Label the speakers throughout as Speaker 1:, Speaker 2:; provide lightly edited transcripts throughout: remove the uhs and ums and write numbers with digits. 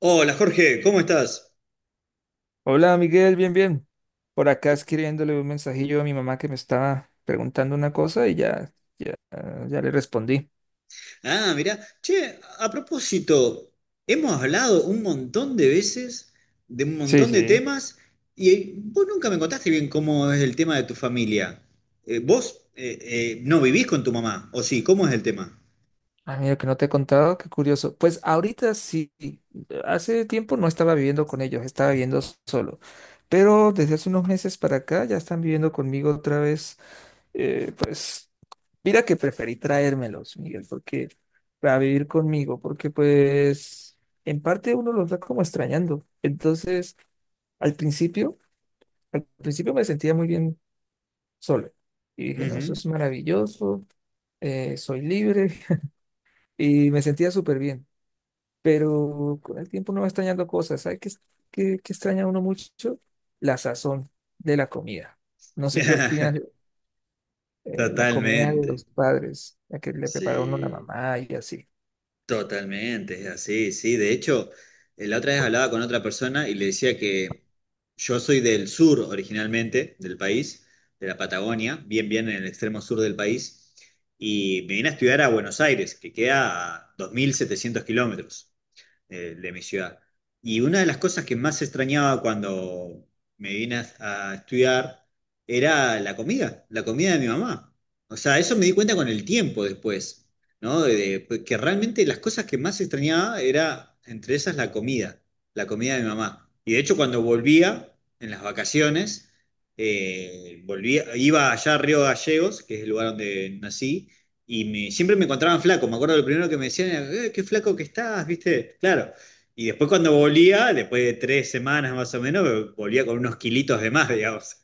Speaker 1: Hola Jorge, ¿cómo estás?
Speaker 2: Hola Miguel, bien, bien. Por acá escribiéndole un mensajillo a mi mamá que me estaba preguntando una cosa y ya, ya, ya le respondí.
Speaker 1: Ah, mirá, che, a propósito, hemos hablado un montón de veces de un
Speaker 2: Sí,
Speaker 1: montón de
Speaker 2: sí.
Speaker 1: temas y vos nunca me contaste bien cómo es el tema de tu familia. ¿Vos no vivís con tu mamá? ¿O sí? ¿Cómo es el tema?
Speaker 2: Ah, mira, que no te he contado, qué curioso. Pues ahorita sí, hace tiempo no estaba viviendo con ellos, estaba viviendo solo. Pero desde hace unos meses para acá ya están viviendo conmigo otra vez. Pues mira que preferí traérmelos, Miguel, porque para vivir conmigo, porque pues en parte uno los va como extrañando. Entonces. Al principio, Al principio me sentía muy bien solo. Y dije, no, eso
Speaker 1: Ujú.
Speaker 2: es maravilloso, soy libre y me sentía súper bien. Pero con el tiempo uno va extrañando cosas. ¿Sabes qué extraña uno mucho? La sazón de la comida. No sé qué opinas, la comida de
Speaker 1: Totalmente.
Speaker 2: los padres, la que le prepara uno la
Speaker 1: Sí.
Speaker 2: mamá y así.
Speaker 1: Totalmente, es así, sí. De hecho, la otra vez hablaba con otra persona y le decía que yo soy del sur originalmente, del país, de la Patagonia, bien, bien en el extremo sur del país, y me vine a estudiar a Buenos Aires, que queda a 2.700 kilómetros de mi ciudad. Y una de las cosas que más extrañaba cuando me vine a estudiar era la comida de mi mamá. O sea, eso me di cuenta con el tiempo después, ¿no? Pues, que realmente las cosas que más extrañaba era, entre esas, la comida de mi mamá. Y de hecho, cuando volvía en las vacaciones, volvía, iba allá a Río Gallegos, que es el lugar donde nací, y siempre me encontraban flaco. Me acuerdo lo primero que me decían era, qué flaco que estás, ¿viste?". Claro. Y después cuando volvía, después de 3 semanas más o menos, volvía con unos kilitos de más, digamos.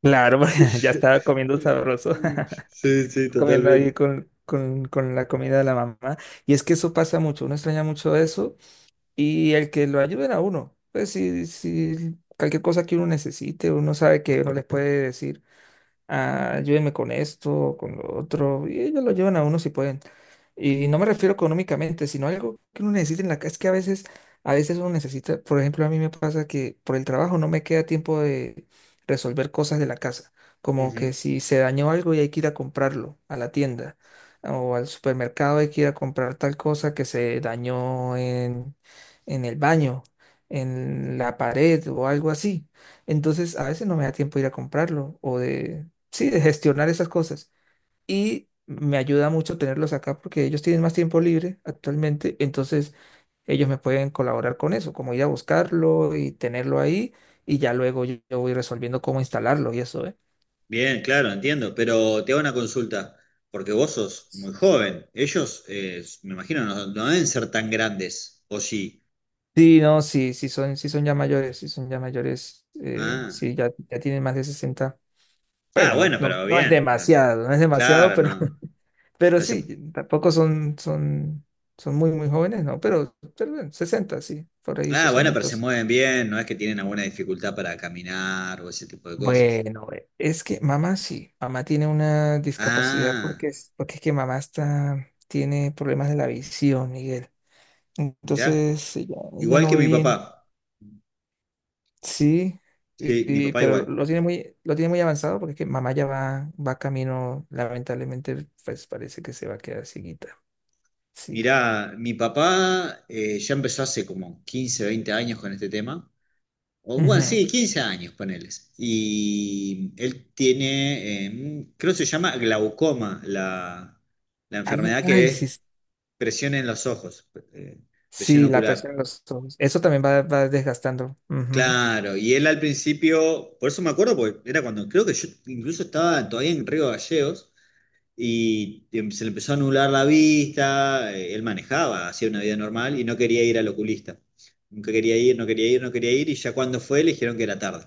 Speaker 2: Claro, porque ya estaba comiendo sabroso,
Speaker 1: Sí, sí,
Speaker 2: comiendo ahí
Speaker 1: totalmente.
Speaker 2: con la comida de la mamá. Y es que eso pasa mucho, uno extraña mucho eso y el que lo ayuden a uno. Pues si cualquier cosa que uno necesite, uno sabe que uno les puede decir ah, ayúdenme con esto, con lo otro, y ellos lo llevan a uno si pueden. Y no me refiero económicamente, sino algo que uno necesita en la casa. Es que a veces uno necesita, por ejemplo, a mí me pasa que por el trabajo no me queda tiempo de resolver cosas de la casa. Como que
Speaker 1: Ujú.
Speaker 2: si se dañó algo y hay que ir a comprarlo a la tienda o al supermercado, hay que ir a comprar tal cosa que se dañó en el baño, en la pared o algo así. Entonces, a veces no me da tiempo de ir a comprarlo o de sí, de gestionar esas cosas. Y me ayuda mucho tenerlos acá porque ellos tienen más tiempo libre actualmente, entonces ellos me pueden colaborar con eso, como ir a buscarlo y tenerlo ahí y ya luego yo voy resolviendo cómo instalarlo y eso, ¿eh?
Speaker 1: Bien, claro, entiendo. Pero te hago una consulta, porque vos sos muy joven. Ellos, me imagino, no, no deben ser tan grandes, ¿o sí?
Speaker 2: Sí, no, sí, sí son ya mayores, sí son ya mayores,
Speaker 1: Ah,
Speaker 2: sí, ya tienen más de 60.
Speaker 1: ah,
Speaker 2: Bueno, no,
Speaker 1: bueno,
Speaker 2: no,
Speaker 1: pero
Speaker 2: no es
Speaker 1: bien.
Speaker 2: demasiado, no es demasiado,
Speaker 1: Claro,
Speaker 2: pero,
Speaker 1: no.
Speaker 2: pero
Speaker 1: Pero se
Speaker 2: sí, tampoco son muy, muy jóvenes, ¿no? Pero bueno, 60, sí, por ahí
Speaker 1: Ah,
Speaker 2: esos
Speaker 1: bueno, pero se
Speaker 2: añitos.
Speaker 1: mueven bien, no es que tienen alguna dificultad para caminar o ese tipo de cosas.
Speaker 2: Bueno, es que mamá sí, mamá tiene una discapacidad
Speaker 1: Ah,
Speaker 2: porque es que tiene problemas de la visión, Miguel.
Speaker 1: mirá,
Speaker 2: Entonces ella
Speaker 1: igual
Speaker 2: no
Speaker 1: que
Speaker 2: ve
Speaker 1: mi
Speaker 2: bien.
Speaker 1: papá.
Speaker 2: Sí,
Speaker 1: Sí, mi papá
Speaker 2: pero
Speaker 1: igual.
Speaker 2: lo tiene muy avanzado porque es que mamá ya va camino, lamentablemente, pues parece que se va a quedar cieguita. Sí.
Speaker 1: Mirá, mi papá ya empezó hace como 15, 20 años con este tema. O bueno,
Speaker 2: Ujú.
Speaker 1: sí, 15 años, poneles. Y él tiene, creo que se llama glaucoma, la
Speaker 2: Ay,
Speaker 1: enfermedad que
Speaker 2: ay, sí,
Speaker 1: es presión en los ojos, presión
Speaker 2: sí, la presión
Speaker 1: ocular.
Speaker 2: en los ojos. Eso también va desgastando. Ujú.
Speaker 1: Claro, y él al principio, por eso me acuerdo, porque era cuando creo que yo incluso estaba todavía en Río Gallegos y se le empezó a anular la vista, él manejaba, hacía una vida normal y no quería ir al oculista. Nunca quería ir, no quería ir, no quería ir y ya cuando fue le dijeron que era tarde,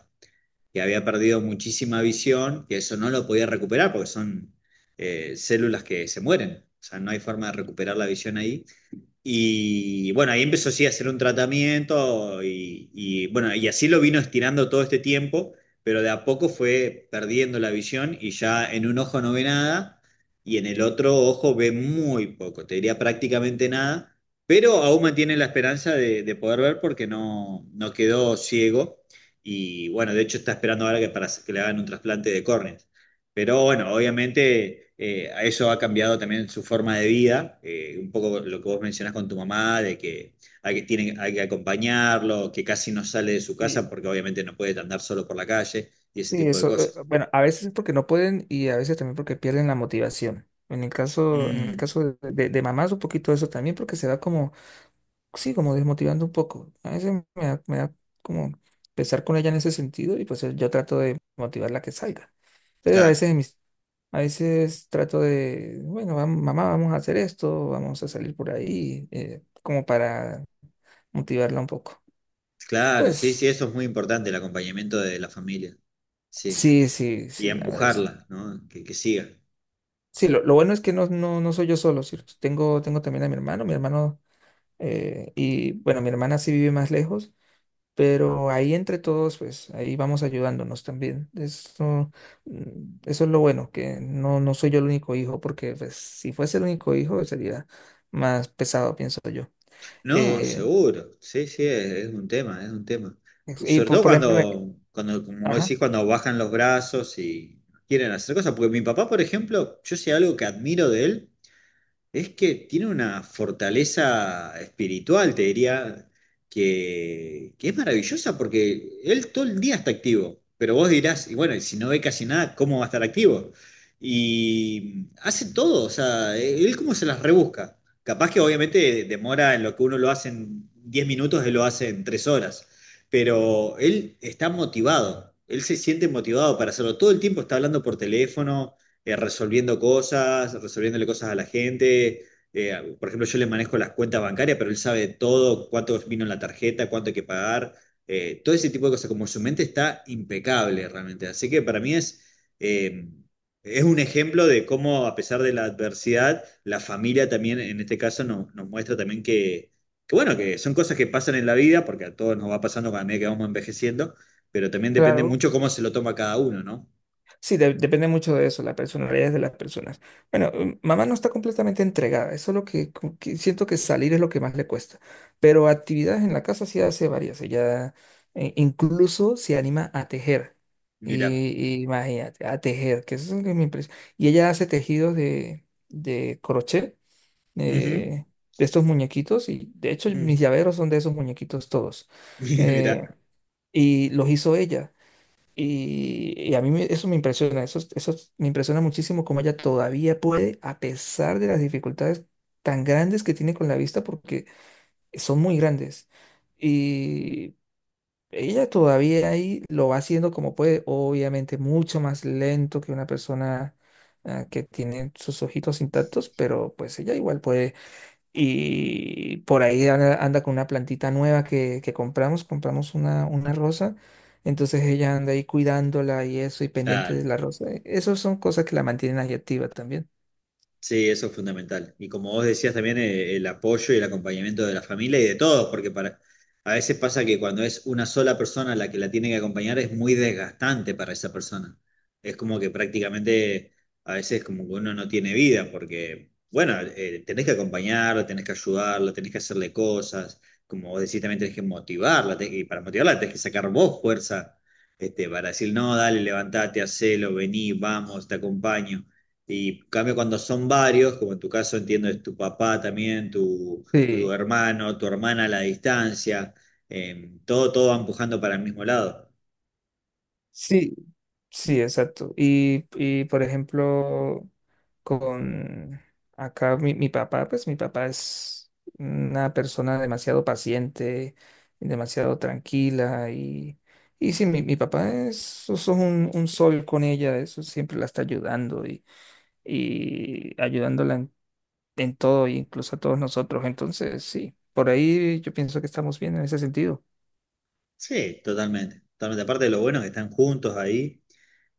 Speaker 1: que había perdido muchísima visión, que eso no lo podía recuperar porque son células que se mueren, o sea, no hay forma de recuperar la visión ahí y bueno, ahí empezó sí, a hacer un tratamiento y, bueno, y así lo vino estirando todo este tiempo, pero de a poco fue perdiendo la visión y ya en un ojo no ve nada y en el otro ojo ve muy poco, te diría prácticamente nada, pero aún mantiene la esperanza de poder ver porque no, no quedó ciego y bueno, de hecho está esperando ahora que, para, que le hagan un trasplante de córnea. Pero bueno, obviamente a eso ha cambiado también su forma de vida, un poco lo que vos mencionás con tu mamá, de que hay que, tienen, hay que acompañarlo, que casi no sale de su casa
Speaker 2: Sí.
Speaker 1: porque obviamente no puede andar solo por la calle y ese
Speaker 2: Sí,
Speaker 1: tipo de
Speaker 2: eso,
Speaker 1: cosas.
Speaker 2: bueno, a veces es porque no pueden y a veces también porque pierden la motivación. En el
Speaker 1: Mm,
Speaker 2: caso de mamás, un poquito eso también, porque se va como, sí, como desmotivando un poco. A veces me da como pesar con ella en ese sentido y pues yo trato de motivarla a que salga. Entonces
Speaker 1: claro,
Speaker 2: a veces trato de, bueno, mamá, vamos a hacer esto, vamos a salir por ahí, como para motivarla un poco.
Speaker 1: claro, sí, sí,
Speaker 2: Pues
Speaker 1: eso es muy importante, el acompañamiento de la familia, sí,
Speaker 2: sí, sí,
Speaker 1: y
Speaker 2: sí, la verdad.
Speaker 1: empujarla, ¿no? Que siga.
Speaker 2: Sí, lo bueno es que no, no, no soy yo solo, sí, tengo también a mi hermano, y bueno, mi hermana sí vive más lejos, pero ahí entre todos, pues ahí vamos ayudándonos también. Eso, mm, eso es lo bueno, que no, no soy yo el único hijo, porque pues, si fuese el único hijo sería más pesado, pienso yo.
Speaker 1: No,
Speaker 2: Eh,
Speaker 1: seguro, sí, sí, es un tema, es un tema. Y
Speaker 2: y
Speaker 1: sobre todo
Speaker 2: por ejemplo,
Speaker 1: cuando, cuando, como vos
Speaker 2: ajá,
Speaker 1: decís, cuando bajan los brazos y quieren hacer cosas, porque mi papá, por ejemplo, yo sé algo que admiro de él, es que tiene una fortaleza espiritual, te diría, que es maravillosa porque él todo el día está activo, pero vos dirás, y bueno, y si no ve casi nada, ¿cómo va a estar activo? Y hace todo, o sea, él cómo se las rebusca. Capaz que obviamente demora en lo que uno lo hace en 10 minutos, él lo hace en 3 horas, pero él está motivado, él se siente motivado para hacerlo. Todo el tiempo está hablando por teléfono resolviendo cosas, resolviéndole cosas a la gente. Por ejemplo, yo le manejo las cuentas bancarias, pero él sabe todo, cuánto vino en la tarjeta, cuánto hay que pagar, todo ese tipo de cosas, como su mente está impecable realmente. Así que para mí eh, es un ejemplo de cómo a pesar de la adversidad, la familia también en este caso nos muestra también que, bueno, que son cosas que pasan en la vida, porque a todos nos va pasando cada medida que vamos envejeciendo, pero también depende
Speaker 2: claro.
Speaker 1: mucho cómo se lo toma cada uno, ¿no?
Speaker 2: Sí, depende mucho de eso, las personalidades de las personas. Bueno, mamá no está completamente entregada, eso es lo que, como que siento que salir es lo que más le cuesta, pero actividades en la casa sí hace varias, ella incluso se anima a tejer,
Speaker 1: Mira.
Speaker 2: y, y imagínate, a tejer, que eso es lo que me impresiona. Y ella hace tejidos de crochet,
Speaker 1: Ujú.
Speaker 2: eh, de estos muñequitos, y de hecho
Speaker 1: Mm.
Speaker 2: mis llaveros son de esos muñequitos todos, eh,
Speaker 1: Mira,
Speaker 2: y los hizo ella. Y a mí eso me impresiona, eso me impresiona muchísimo cómo ella todavía puede, a pesar de las dificultades tan grandes que tiene con la vista, porque son muy grandes. Y ella todavía ahí lo va haciendo como puede, obviamente mucho más lento que una persona ah, que tiene sus ojitos intactos, pero pues ella igual puede. Y por ahí anda con una plantita nueva que compramos una rosa. Entonces ella anda ahí cuidándola y eso, y pendiente
Speaker 1: claro.
Speaker 2: de la rosa. Esas son cosas que la mantienen ahí activa también.
Speaker 1: Sí, eso es fundamental. Y como vos decías también, el apoyo y el acompañamiento de la familia y de todos, porque a veces pasa que cuando es una sola persona la que la tiene que acompañar es muy desgastante para esa persona. Es como que prácticamente a veces como que uno no tiene vida, porque, bueno, tenés que acompañarla, tenés que ayudarla, tenés que hacerle cosas, como vos decís, también tenés que motivarla, y para motivarla tenés que sacar vos fuerza, para decir, no, dale, levantate, hacelo, vení, vamos, te acompaño. Y en cambio cuando son varios, como en tu caso entiendo es tu papá también, tu
Speaker 2: Sí,
Speaker 1: hermano, tu hermana a la distancia, todo, todo va empujando para el mismo lado.
Speaker 2: sí, sí, exacto. Y por ejemplo, con acá mi papá, pues mi papá es una persona demasiado paciente, demasiado tranquila y sí, mi papá es un sol con ella, eso siempre la está ayudando y ayudándola en todo, e incluso a todos nosotros. Entonces, sí, por ahí yo pienso que estamos bien en ese sentido.
Speaker 1: Sí, totalmente. Totalmente. Aparte de lo bueno es que están juntos ahí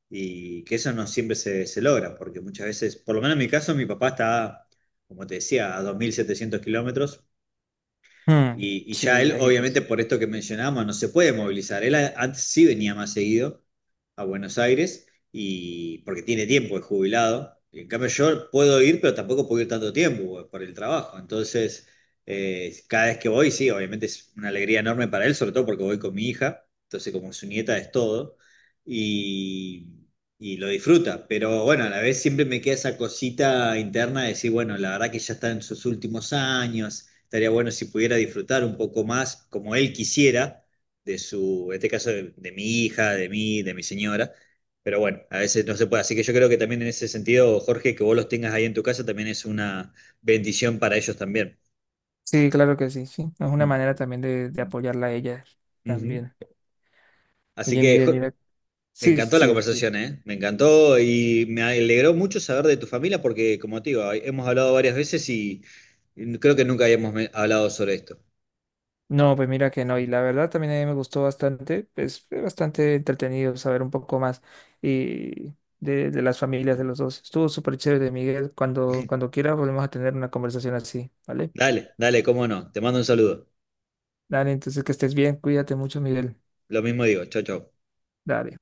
Speaker 1: y que eso no siempre se logra, porque muchas veces, por lo menos en mi caso, mi papá está, como te decía, a 2.700 kilómetros.
Speaker 2: Mm,
Speaker 1: Y ya
Speaker 2: sí,
Speaker 1: él, obviamente,
Speaker 2: lejitos.
Speaker 1: por esto que mencionábamos no se puede movilizar. Él antes sí venía más seguido a Buenos Aires y porque tiene tiempo, es jubilado. Y en cambio, yo puedo ir, pero tampoco puedo ir tanto tiempo por el trabajo. Entonces, cada vez que voy, sí, obviamente es una alegría enorme para él, sobre todo porque voy con mi hija. Entonces, como su nieta es todo. Y, y lo disfruta. Pero bueno, a la vez siempre me queda esa cosita interna de decir, bueno, la verdad que ya está en sus últimos años. Estaría bueno si pudiera disfrutar un poco más, como él quisiera, de su, en este caso, de mi hija, de mí, de mi señora. Pero bueno, a veces no se puede. Así que yo creo que también en ese sentido, Jorge, que vos los tengas ahí en tu casa también es una bendición para ellos también.
Speaker 2: Sí, claro que sí, sí. Es una manera
Speaker 1: Mm.
Speaker 2: también de apoyarla a ella
Speaker 1: Ujú.
Speaker 2: también.
Speaker 1: Así
Speaker 2: Oye,
Speaker 1: que
Speaker 2: Miguel, mira.
Speaker 1: me
Speaker 2: Sí,
Speaker 1: encantó la
Speaker 2: sí, sí.
Speaker 1: conversación, ¿eh? Me encantó y me alegró mucho saber de tu familia porque, como te digo, hemos hablado varias veces y creo que nunca habíamos hablado sobre esto.
Speaker 2: No, pues mira que no, y la verdad también a mí me gustó bastante, es bastante entretenido saber un poco más y de las familias de los dos. Estuvo súper chévere, Miguel, cuando quiera volvemos a tener una conversación así, ¿vale?
Speaker 1: Dale, dale, cómo no. Te mando un saludo.
Speaker 2: Dale, entonces que estés bien, cuídate mucho, Miguel.
Speaker 1: Lo mismo digo, chao, chao.
Speaker 2: Dale.